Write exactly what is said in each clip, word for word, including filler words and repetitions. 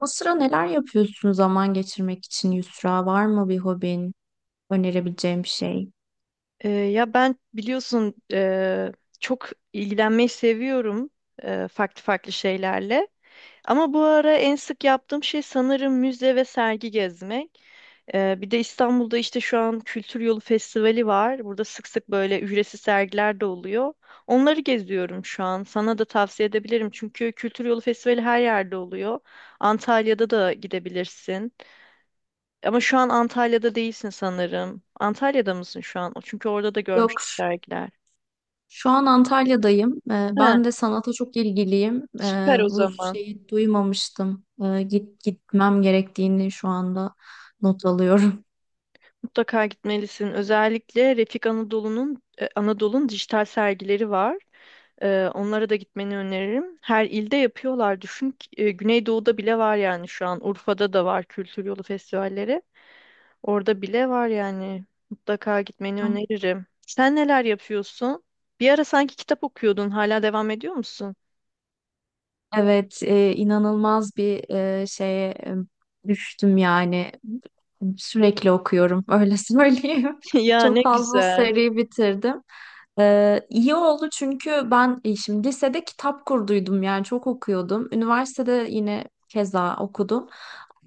O sıra neler yapıyorsun zaman geçirmek için Yusra? Var mı bir hobin, önerebileceğim bir şey? Ee, ya ben biliyorsun eee, çok ilgilenmeyi seviyorum eee, farklı farklı şeylerle. Ama bu ara en sık yaptığım şey sanırım müze ve sergi gezmek. Ee, bir de İstanbul'da işte şu an Kültür Yolu Festivali var. Burada sık sık böyle ücretsiz sergiler de oluyor. Onları geziyorum şu an. Sana da tavsiye edebilirim çünkü Kültür Yolu Festivali her yerde oluyor. Antalya'da da gidebilirsin. Ama şu an Antalya'da değilsin sanırım. Antalya'da mısın şu an? Çünkü orada da Yok. görmüştüm sergiler. Şu an Antalya'dayım. Ee, He, Ben de sanata çok ilgiliyim. Ee, süper o Bu zaman. şeyi duymamıştım. Ee, git gitmem gerektiğini şu anda not alıyorum. Mutlaka gitmelisin. Özellikle Refik Anadolu'nun e, Anadolu'nun dijital sergileri var. E, onlara da gitmeni öneririm. Her ilde yapıyorlar. Düşün ki, e, Güneydoğu'da bile var yani şu an. Urfa'da da var Kültür Yolu festivalleri. Orada bile var yani. Mutlaka gitmeni öneririm. Sen neler yapıyorsun? Bir ara sanki kitap okuyordun. Hala devam ediyor musun? Evet, e, inanılmaz bir e, şeye e, düştüm yani. Sürekli okuyorum, öyle söyleyeyim. Ya ne Çok fazla güzel. seri bitirdim. Ee, iyi oldu çünkü ben e, şimdi lisede kitap kurduydum yani çok okuyordum. Üniversitede yine keza okudum.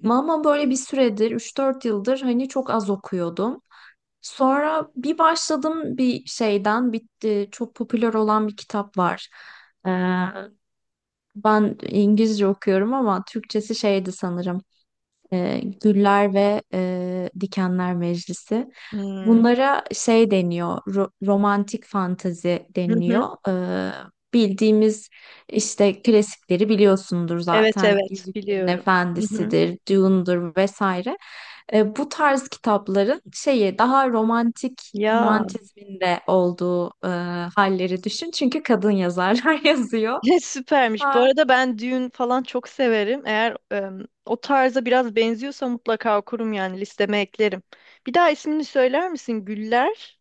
Ama ama böyle bir süredir üç dört yıldır hani çok az okuyordum. Sonra bir başladım bir şeyden bitti. Çok popüler olan bir kitap var. Ben İngilizce okuyorum ama Türkçesi şeydi sanırım. e, Güller ve e, Dikenler Meclisi. Hmm. Bunlara şey deniyor, ro- romantik fantezi Hı hı. deniliyor. E, bildiğimiz işte klasikleri biliyorsundur Evet, zaten. evet, Yüzüklerin biliyorum. Hı hı. Efendisi'dir, Dune'dur vesaire. E, bu tarz kitapların şeyi daha romantik Ya romantizminde olduğu e, halleri düşün. Çünkü kadın yazarlar yazıyor. ne süpermiş. Bu arada ben düğün falan çok severim. Eğer em, o tarza biraz benziyorsa mutlaka okurum yani listeme eklerim. Bir daha ismini söyler misin? Güller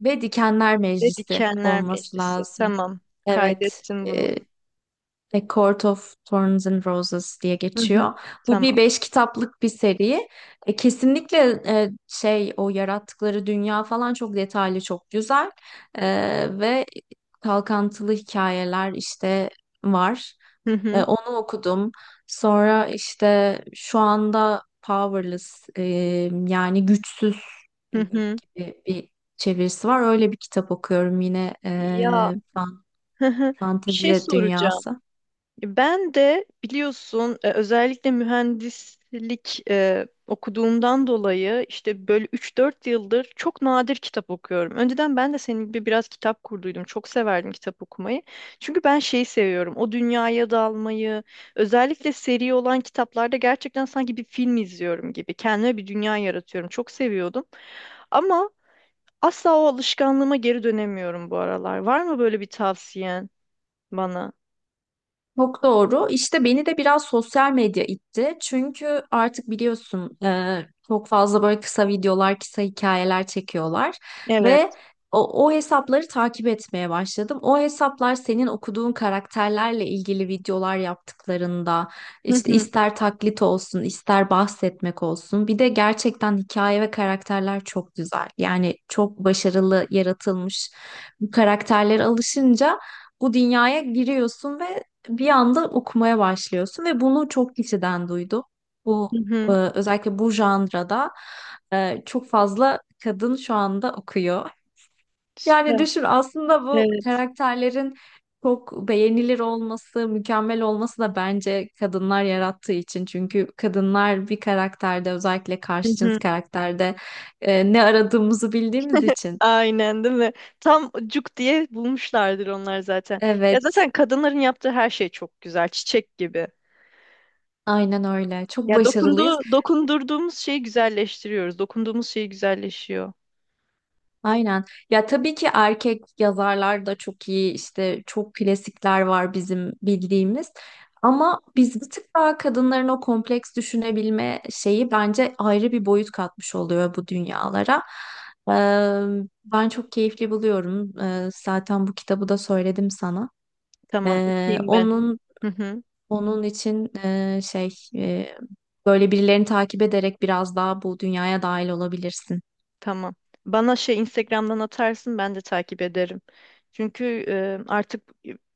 Ve Dikenler ve Meclisi Dikenler olması Meclisi. lazım. Tamam. Evet. Kaydettim bunu. Ee, A Court of Thorns and Roses diye Hı hı. geçiyor. Bu bir Tamam. beş kitaplık bir seri. E, kesinlikle e, şey o yarattıkları dünya falan çok detaylı, çok güzel. E, Ve kalkantılı hikayeler işte var. Hı E, hı. Onu okudum. Sonra işte şu anda Powerless e, yani güçsüz e, Hı gibi hı. bir çevirisi var. Öyle bir kitap okuyorum yine. Ya, e, hı hı. Bir şey Fantezi soracağım. dünyası. Ben de biliyorsun e, özellikle mühendislik e, okuduğumdan dolayı işte böyle üç dört yıldır çok nadir kitap okuyorum. Önceden ben de senin gibi biraz kitap kurduydum. Çok severdim kitap okumayı. Çünkü ben şeyi seviyorum. O dünyaya dalmayı, özellikle seri olan kitaplarda gerçekten sanki bir film izliyorum gibi. Kendime bir dünya yaratıyorum. Çok seviyordum. Ama asla o alışkanlığıma geri dönemiyorum bu aralar. Var mı böyle bir tavsiyen bana? Çok doğru. İşte beni de biraz sosyal medya itti. Çünkü artık biliyorsun e, çok fazla böyle kısa videolar, kısa hikayeler çekiyorlar ve Evet. o, o hesapları takip etmeye başladım. O hesaplar senin okuduğun karakterlerle ilgili videolar yaptıklarında işte ister taklit olsun, ister bahsetmek olsun. Bir de gerçekten hikaye ve karakterler çok güzel. Yani çok başarılı yaratılmış bu karakterlere alışınca bu dünyaya giriyorsun ve bir anda okumaya başlıyorsun ve bunu çok kişiden duydum. Bu, e, özellikle bu janrada e, çok fazla kadın şu anda okuyor. Yani Süper. düşün aslında bu Evet. karakterlerin çok beğenilir olması, mükemmel olması da bence kadınlar yarattığı için. Çünkü kadınlar bir karakterde özellikle Hı karşı cins hı. karakterde e, ne aradığımızı bildiğimiz için. Aynen, değil mi? Tam cuk diye bulmuşlardır onlar zaten. Ya Evet, zaten kadınların yaptığı her şey çok güzel. Çiçek gibi. aynen öyle. Çok Ya dokundu, başarılıyız. dokundurduğumuz şeyi güzelleştiriyoruz. Dokunduğumuz şey güzelleşiyor. Aynen. Ya tabii ki erkek yazarlar da çok iyi. İşte çok klasikler var bizim bildiğimiz. Ama biz bir tık daha kadınların o kompleks düşünebilme şeyi bence ayrı bir boyut katmış oluyor bu dünyalara. Ee, Ben çok keyifli buluyorum. Ee, zaten bu kitabı da söyledim sana. Tamam, Ee, okuyayım ben. onun Hı hı. onun için e, şey e, böyle birilerini takip ederek biraz daha bu dünyaya dahil olabilirsin. Tamam. Bana şey Instagram'dan atarsın ben de takip ederim. Çünkü e, artık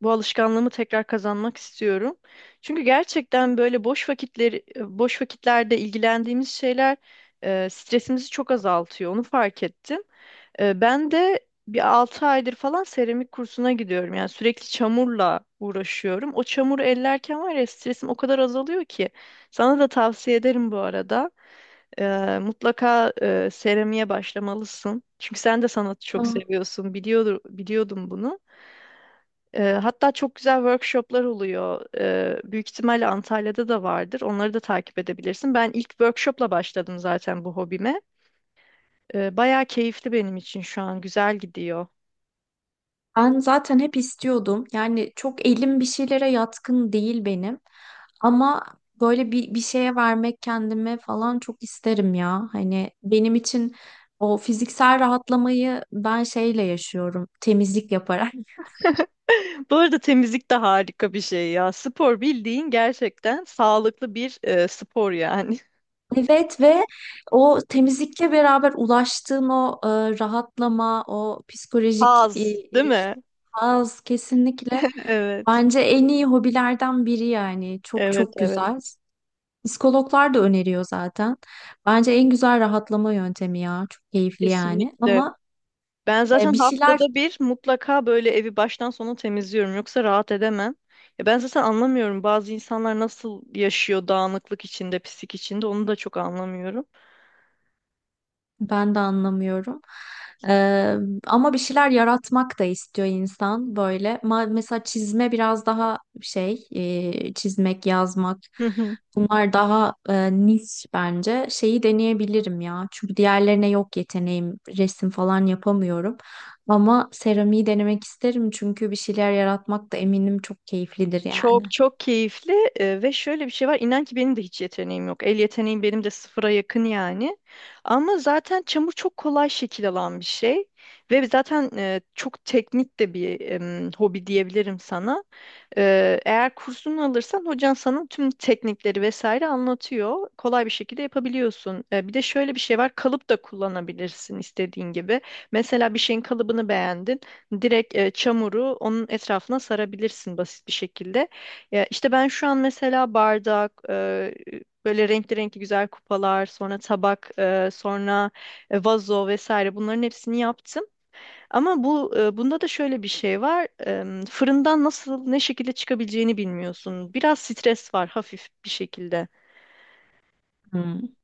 bu alışkanlığımı tekrar kazanmak istiyorum. Çünkü gerçekten böyle boş vakitleri boş vakitlerde ilgilendiğimiz şeyler e, stresimizi çok azaltıyor. Onu fark ettim. Ee, ben de bir altı aydır falan seramik kursuna gidiyorum. Yani sürekli çamurla uğraşıyorum. O çamuru ellerken var ya stresim o kadar azalıyor ki. Sana da tavsiye ederim bu arada. Ee, mutlaka e, seramiğe başlamalısın. Çünkü sen de sanatı çok Aa, seviyorsun. Biliyordu, biliyordum bunu. Ee, hatta çok güzel workshoplar oluyor. Ee, büyük ihtimalle Antalya'da da vardır. Onları da takip edebilirsin. Ben ilk workshopla başladım zaten bu hobime. Ee, bayağı keyifli benim için şu an. Güzel gidiyor. ben zaten hep istiyordum. Yani çok elim bir şeylere yatkın değil benim. Ama böyle bir, bir şeye vermek kendime falan çok isterim ya. Hani benim için o fiziksel rahatlamayı ben şeyle yaşıyorum. Temizlik yaparak. Bu arada temizlik de harika bir şey ya. Spor bildiğin gerçekten sağlıklı bir e, spor yani. Evet ve o temizlikle beraber ulaştığın o e, rahatlama, o psikolojik e, Haz, değil eriş- mi? haz kesinlikle Evet. bence en iyi hobilerden biri yani. Çok Evet, çok evet. güzel. Psikologlar da öneriyor zaten. Bence en güzel rahatlama yöntemi ya. Çok keyifli yani. Kesinlikle. Ama Ben e, zaten bir şeyler. haftada bir mutlaka böyle evi baştan sona temizliyorum. Yoksa rahat edemem. Ya ben zaten anlamıyorum bazı insanlar nasıl yaşıyor dağınıklık içinde, pislik içinde onu da çok anlamıyorum. Ben de anlamıyorum. Eee, ama bir şeyler yaratmak da istiyor insan böyle. Ma- mesela çizme biraz daha şey, eee, çizmek, yazmak. Bunlar daha eee, niş bence. Şeyi deneyebilirim ya. Çünkü diğerlerine yok yeteneğim. Resim falan yapamıyorum. Ama seramiği denemek isterim çünkü bir şeyler yaratmak da eminim çok keyiflidir Çok yani. çok keyifli e, ve şöyle bir şey var. İnan ki benim de hiç yeteneğim yok. El yeteneğim benim de sıfıra yakın yani. Ama zaten çamur çok kolay şekil alan bir şey. Ve zaten e, çok teknik de bir em, hobi diyebilirim sana. Ee, eğer kursunu alırsan hocan sana tüm teknikleri vesaire anlatıyor. Kolay bir şekilde yapabiliyorsun. Ee, bir de şöyle bir şey var. Kalıp da kullanabilirsin istediğin gibi. Mesela bir şeyin kalıbını beğendin. Direkt e, çamuru onun etrafına sarabilirsin basit bir şekilde. Ya işte ben şu an mesela bardak, e, böyle renkli renkli güzel kupalar, sonra tabak, e, sonra e, vazo vesaire bunların hepsini yaptım. Ama bu e, bunda da şöyle bir şey var. Em, Fırından nasıl ne şekilde çıkabileceğini bilmiyorsun. Biraz stres var hafif bir şekilde. Hmm.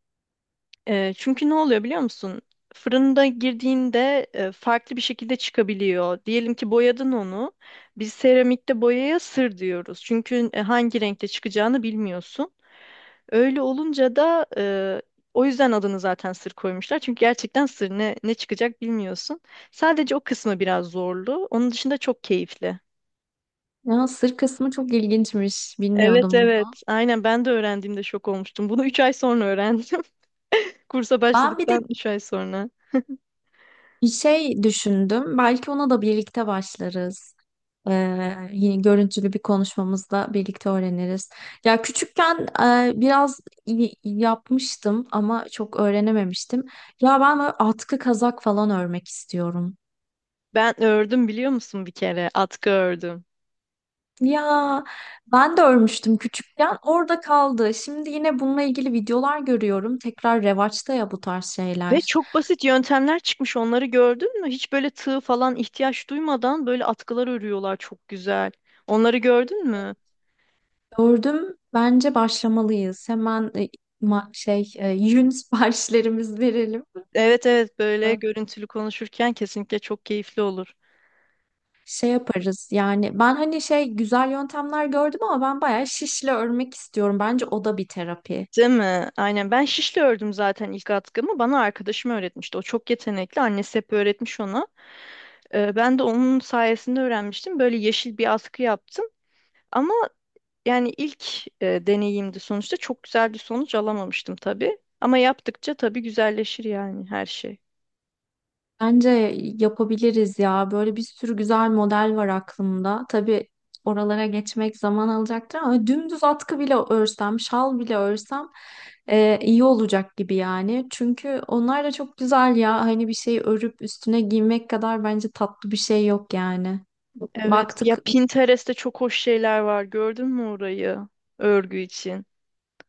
E, Çünkü ne oluyor biliyor musun? Fırında girdiğinde e, farklı bir şekilde çıkabiliyor. Diyelim ki boyadın onu. Biz seramikte boyaya sır diyoruz. Çünkü e, hangi renkte çıkacağını bilmiyorsun. Öyle olunca da e, o yüzden adını zaten sır koymuşlar. Çünkü gerçekten sır ne, ne çıkacak bilmiyorsun. Sadece o kısmı biraz zorlu. Onun dışında çok keyifli. Ya sır kısmı çok ilginçmiş. Evet, Bilmiyordum evet. bunu. Aynen, ben de öğrendiğimde şok olmuştum. Bunu üç ay sonra öğrendim. Kursa Ben bir de başladıktan üç ay sonra. şey düşündüm, belki ona da birlikte başlarız. Ee, yine görüntülü bir konuşmamızda birlikte öğreniriz. Ya küçükken e, biraz y- yapmıştım ama çok öğrenememiştim. Ya ben böyle atkı kazak falan örmek istiyorum. Ben ördüm biliyor musun bir kere? Atkı ördüm. Ya ben de örmüştüm küçükken, orada kaldı. Şimdi yine bununla ilgili videolar görüyorum. Tekrar revaçta ya bu tarz Ve şeyler. çok basit yöntemler çıkmış onları gördün mü? Hiç böyle tığ falan ihtiyaç duymadan böyle atkılar örüyorlar çok güzel. Onları gördün mü? Gördüm, bence başlamalıyız. Hemen e, ma- şey e, yün siparişlerimizi verelim. Evet, evet, böyle Ee, görüntülü konuşurken kesinlikle çok keyifli olur. Şey yaparız yani ben hani şey güzel yöntemler gördüm ama ben bayağı şişle örmek istiyorum. Bence o da bir terapi. Değil mi? Aynen, ben şişle ördüm zaten ilk atkımı. Bana arkadaşım öğretmişti. O çok yetenekli. Annesi hep öğretmiş ona. Ee, ben de onun sayesinde öğrenmiştim. Böyle yeşil bir askı yaptım. Ama yani ilk e, deneyimdi sonuçta. Çok güzel bir sonuç alamamıştım tabii. Ama yaptıkça tabii güzelleşir yani her şey. Bence yapabiliriz ya. Böyle bir sürü güzel model var aklımda. Tabii oralara geçmek zaman alacaktır ama dümdüz atkı bile örsem, şal bile örsem e, iyi olacak gibi yani. Çünkü onlar da çok güzel ya. Hani bir şey örüp üstüne giymek kadar bence tatlı bir şey yok yani. Evet. Ya Baktık iyi Pinterest'te çok hoş şeyler var. Gördün mü orayı? Örgü için.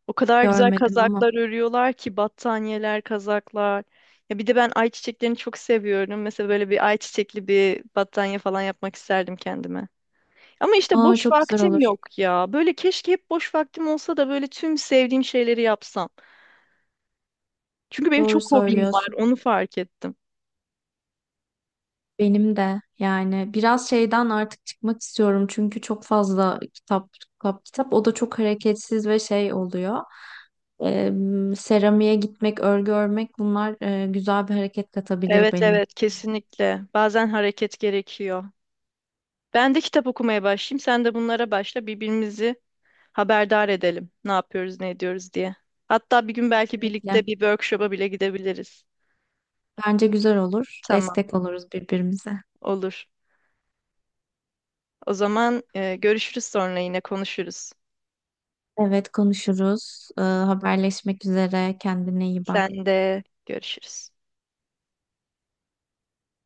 O kadar güzel görmedim ama. kazaklar örüyorlar ki battaniyeler, kazaklar. Ya bir de ben ayçiçeklerini çok seviyorum. Mesela böyle bir ayçiçekli bir battaniye falan yapmak isterdim kendime. Ama işte Aa, boş çok güzel vaktim olur. yok ya. Böyle keşke hep boş vaktim olsa da böyle tüm sevdiğim şeyleri yapsam. Çünkü benim Doğru çok hobim var, söylüyorsun. onu fark ettim. Benim de yani biraz şeyden artık çıkmak istiyorum çünkü çok fazla kitap kitap kitap o da çok hareketsiz ve şey oluyor. Ee, Seramiğe gitmek, örgü örmek bunlar e, güzel bir hareket katabilir Evet, benim. evet, kesinlikle. Bazen hareket gerekiyor. Ben de kitap okumaya başlayayım. Sen de bunlara başla. Birbirimizi haberdar edelim. Ne yapıyoruz, ne ediyoruz diye. Hatta bir gün belki Kesinlikle. birlikte bir workshop'a bile gidebiliriz. Bence güzel olur. Tamam, Destek oluruz birbirimize. olur. O zaman e, görüşürüz sonra yine konuşuruz. Evet konuşuruz. Ee, haberleşmek üzere. Kendine iyi bak. Sen de görüşürüz.